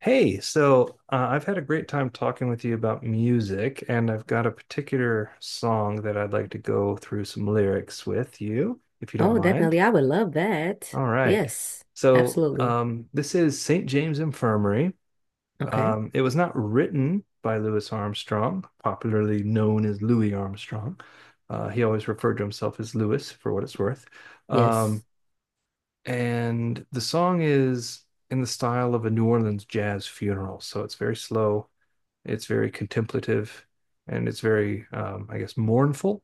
Hey, so I've had a great time talking with you about music, and I've got a particular song that I'd like to go through some lyrics with you, if you don't Oh, mind. definitely. I would love that. All right. Yes, So absolutely. um, this is St. James Infirmary. Okay. It was not written by Louis Armstrong, popularly known as Louis Armstrong. He always referred to himself as Louis, for what it's worth. Um, Yes. and the song is in the style of a New Orleans jazz funeral, so it's very slow, it's very contemplative, and it's very, I guess, mournful.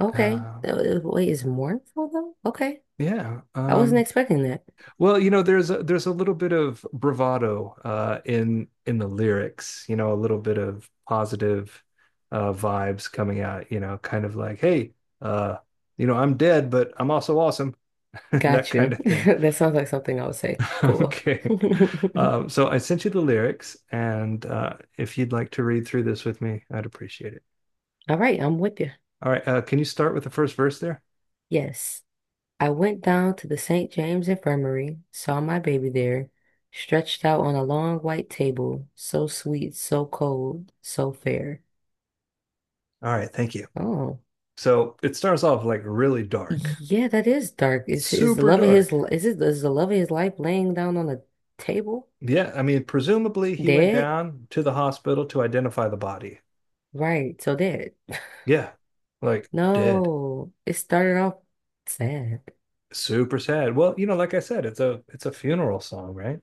Okay. Uh, Wait, is mournful though? Okay. yeah. I wasn't Um, expecting that. well, you know, there's a little bit of bravado in the lyrics. You know, a little bit of positive vibes coming out. You know, kind of like, hey, uh, you know, I'm dead, but I'm also awesome, that Got kind you. of thing. That sounds like something I would say. Cool. Okay. So I sent you the lyrics, and if you'd like to read through this with me, I'd appreciate it. All right, I'm with you. All right. Can you start with the first verse there? Yes. I went down to the St. James Infirmary, saw my baby there, stretched out on a long white table, so sweet, so cold, so fair. All right, thank you. Oh. So it starts off like really dark. Yeah, that is dark. It's Is the super love of dark. Is the love of his life laying down on the table? Yeah, I mean, presumably he went Dead? down to the hospital to identify the body. Right, so dead. Yeah, like dead. No, it started off sad. Super sad. Well, you know, like I said, it's a funeral song, right?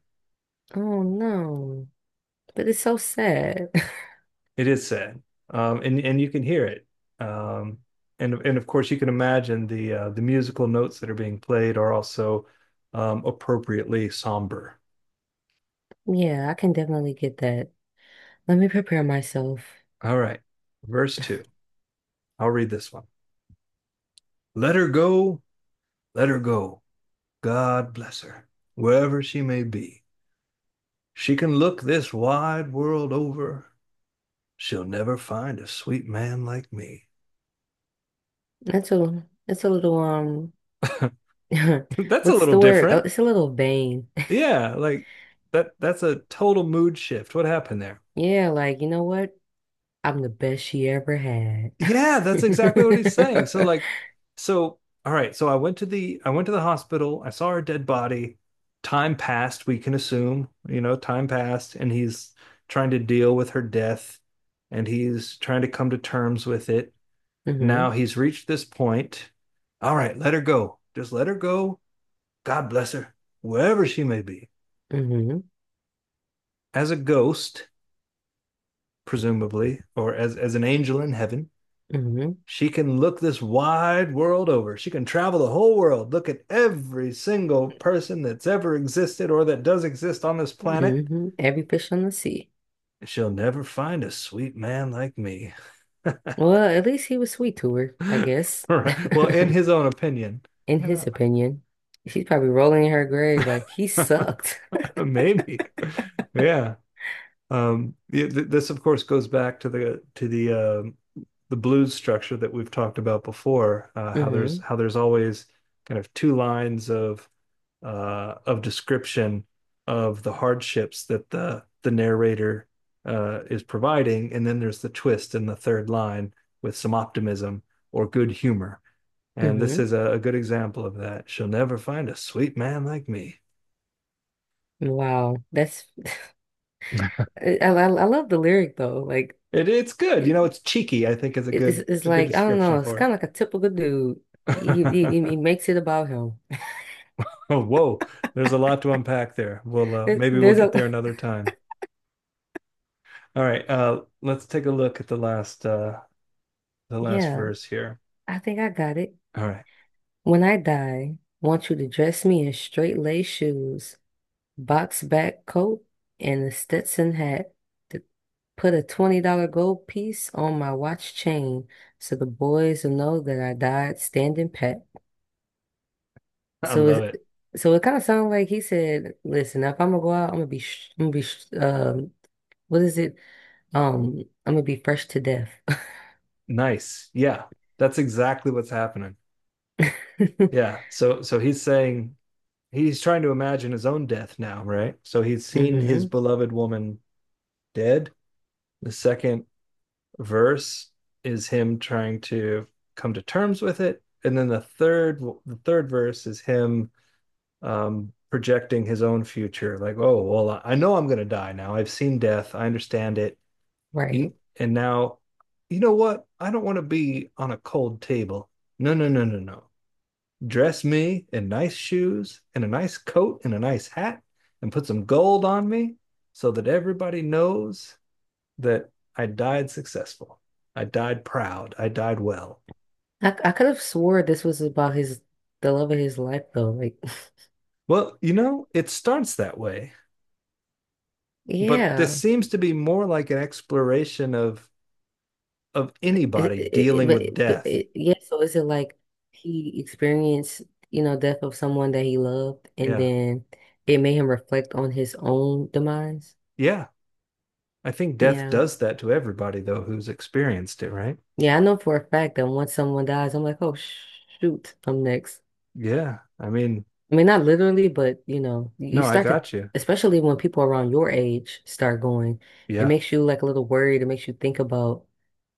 Oh no. But it's so sad. It is sad. And you can hear it. Um, and of course you can imagine the musical notes that are being played are also appropriately somber. Yeah, I can definitely get that. Let me prepare myself. All right, verse two. I'll read this one. Let her go. Let her go. God bless her, wherever she may be. She can look this wide world over. She'll never find a sweet man like me. That's a, it's a little That's a what's little the word? Oh, different. it's a little vain. Yeah, like that's a total mood shift. What happened there? Yeah, like you know what? I'm the best she ever had. Yeah, that's exactly what he's saying. So like, so all right, so I went to the hospital, I saw her dead body. Time passed, we can assume, you know, time passed, and he's trying to deal with her death and he's trying to come to terms with it. Now hmm he's reached this point. All right, let her go. Just let her go. God bless her, wherever she may be. hmm As a ghost, presumably, or as an angel in heaven. hmm She can look this wide world over. She can travel the whole world, look at every single person that's ever existed or that does exist on this planet. hmm Every fish on the sea. She'll never find a sweet man like me. Well, at least he was sweet to her, I guess. All right. Well, in his own opinion, In you his opinion, she's probably rolling in her grave like he know, sucked. maybe. Yeah. Yeah, this, of course, goes back to the blues structure that we've talked about before. How hmm there's always kind of two lines of description of the hardships that the narrator is providing, and then there's the twist in the third line with some optimism or good humor. And this hmm is a good example of that. She'll never find a sweet man like me. Wow, that's I love the lyric though. Like It's good, you it, know. It's cheeky, I think, is a good it's like I don't description know. It's for it. kind of like a typical dude. He makes it about him. Oh, whoa, there's a lot to unpack there. We'll maybe we'll There's get a there another time. All right, let's take a look at the last yeah. verse here. I think I got it. All right. When I die, want you to dress me in straight lace shoes, box back coat, and a Stetson hat. To put a $20 gold piece on my watch chain so the boys will know that I died standing pat. I So it's love it. so it kind of sounds like he said, "Listen, if I'm gonna go out, I'm gonna be, sh what is it? I'm gonna be fresh to death." Nice. Yeah. That's exactly what's happening. Yeah. So he's saying he's trying to imagine his own death now, right? So he's seen his hmm beloved woman dead. The second verse is him trying to come to terms with it, and then the third verse is him projecting his own future, like, oh well, I know I'm going to die now. I've seen death. I understand it. Right. You, and now, you know what? I don't want to be on a cold table. No, no, no, no, no. Dress me in nice shoes and a nice coat and a nice hat and put some gold on me so that everybody knows that I died successful. I died proud. I died well. I could have swore this was about his the love of his life though. Like, Well, you know, it starts that way, but this yeah. seems to be more like an exploration of anybody dealing with death. Yeah, so is it like he experienced, you know, death of someone that he loved, and Yeah. then it made him reflect on his own demise? Yeah. I think death Yeah, does that to everybody though who's experienced it, right? yeah, I know for a fact that once someone dies, I'm like, shoot, I'm next. Yeah. I mean, I mean, not literally, but you know, you no, I start to, got you. especially when people around your age start going, it Yeah. makes you like a little worried. It makes you think about,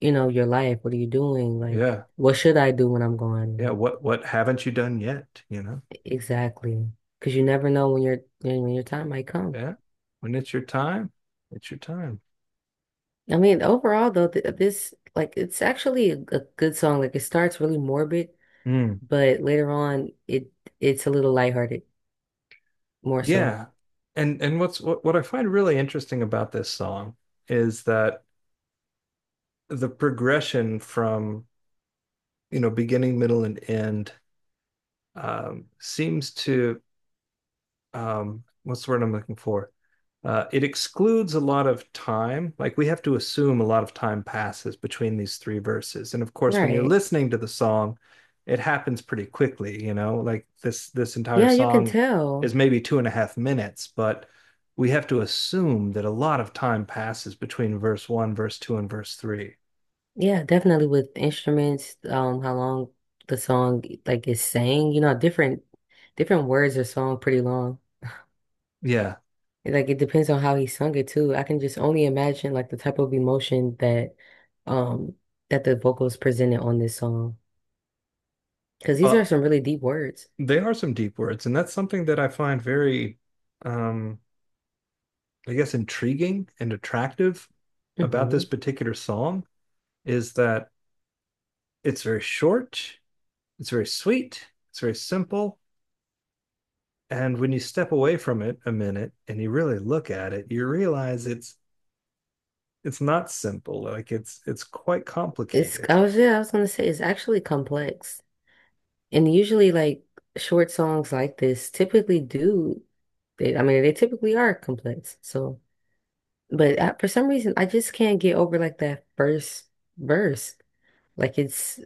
you know, your life. What are you doing? Like, Yeah. what should I do when I'm Yeah. gone? What haven't you done yet? You know? Exactly. Because you never know when your time might come. Yeah. When it's your time, it's your time. I mean, overall though, th this like it's actually a good song. Like it starts really morbid, Mm. but later on it's a little lighthearted more so. Yeah. And what's what I find really interesting about this song is that the progression from you know beginning, middle, and end seems to what's the word I'm looking for? It excludes a lot of time. Like we have to assume a lot of time passes between these three verses. And of course, when you're Right. listening to the song, it happens pretty quickly, you know, like this entire Yeah, you can song tell. is maybe 2.5 minutes, but we have to assume that a lot of time passes between verse one, verse two, and verse three. Yeah, definitely with instruments, how long the song like is sang. You know, different words are song pretty long. Yeah. It, like it depends on how he sung it too. I can just only imagine like the type of emotion that um that the vocals presented on this song. Because these are Well, some really deep words. they are some deep words, and that's something that I find very um I guess, intriguing and attractive about this Hmm particular song is that it's very short, it's very sweet, it's very simple. And when you step away from it a minute and you really look at it, you realize it's not simple. Like it's quite It's, complicated. I was, yeah, I was gonna say it's actually complex. And usually like short songs like this typically do, they I mean they typically are complex. So but I, for some reason I just can't get over like that first verse. Like it's,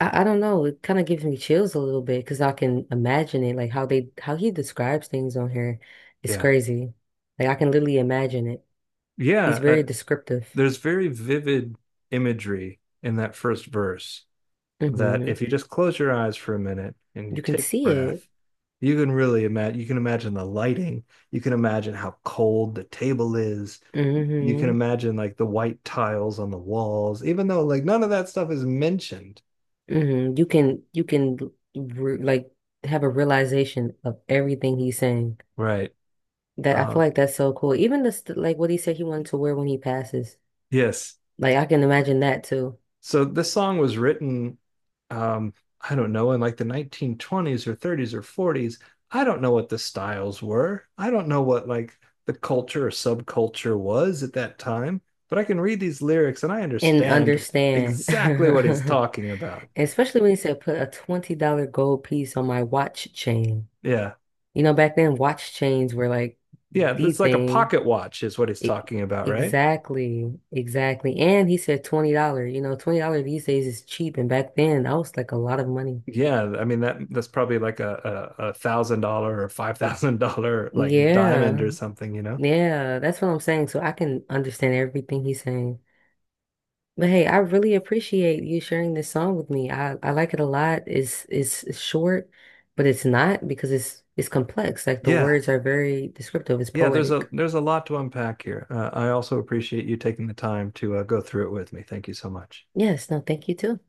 I don't know. It kind of gives me chills a little bit because I can imagine it, like how he describes things on here. It's Yeah, crazy. Like I can literally imagine it. He's yeah. Very descriptive. There's very vivid imagery in that first verse that Hmm if you just close your eyes for a minute and you You can take a see it. breath, you can imagine the lighting, you can imagine how cold the table is, you can Hmm imagine like the white tiles on the walls, even though like none of that stuff is mentioned. hmm You can re like have a realization of everything he's saying. Right. That, I Uh, feel like that's so cool. Even this like what he said he wanted to wear when he passes. yes. Like I can imagine that too So this song was written, um, I don't know, in like the 1920s or 30s or 40s. I don't know what the styles were. I don't know what like the culture or subculture was at that time, but I can read these lyrics and I and understand understand. exactly what he's talking about. Especially when he said put a $20 gold piece on my watch chain. Yeah. You know, back then watch chains were like Yeah, the it's like a thing. pocket watch is what he's E- talking about, right? exactly, exactly. And he said $20. You know, $20 these days is cheap. And back then that was like a lot of money. Yeah, I mean that that's probably like a thousand dollar or $5,000 like diamond Yeah, or something, you know? yeah, that's what I'm saying. So I can understand everything he's saying. But hey, I really appreciate you sharing this song with me. I like it a lot. It's it's short, but it's not, because it's complex. Like the Yeah, words are very descriptive. It's Yeah, poetic. there's a lot to unpack here. I also appreciate you taking the time to go through it with me. Thank you so much. Yes, no, thank you too.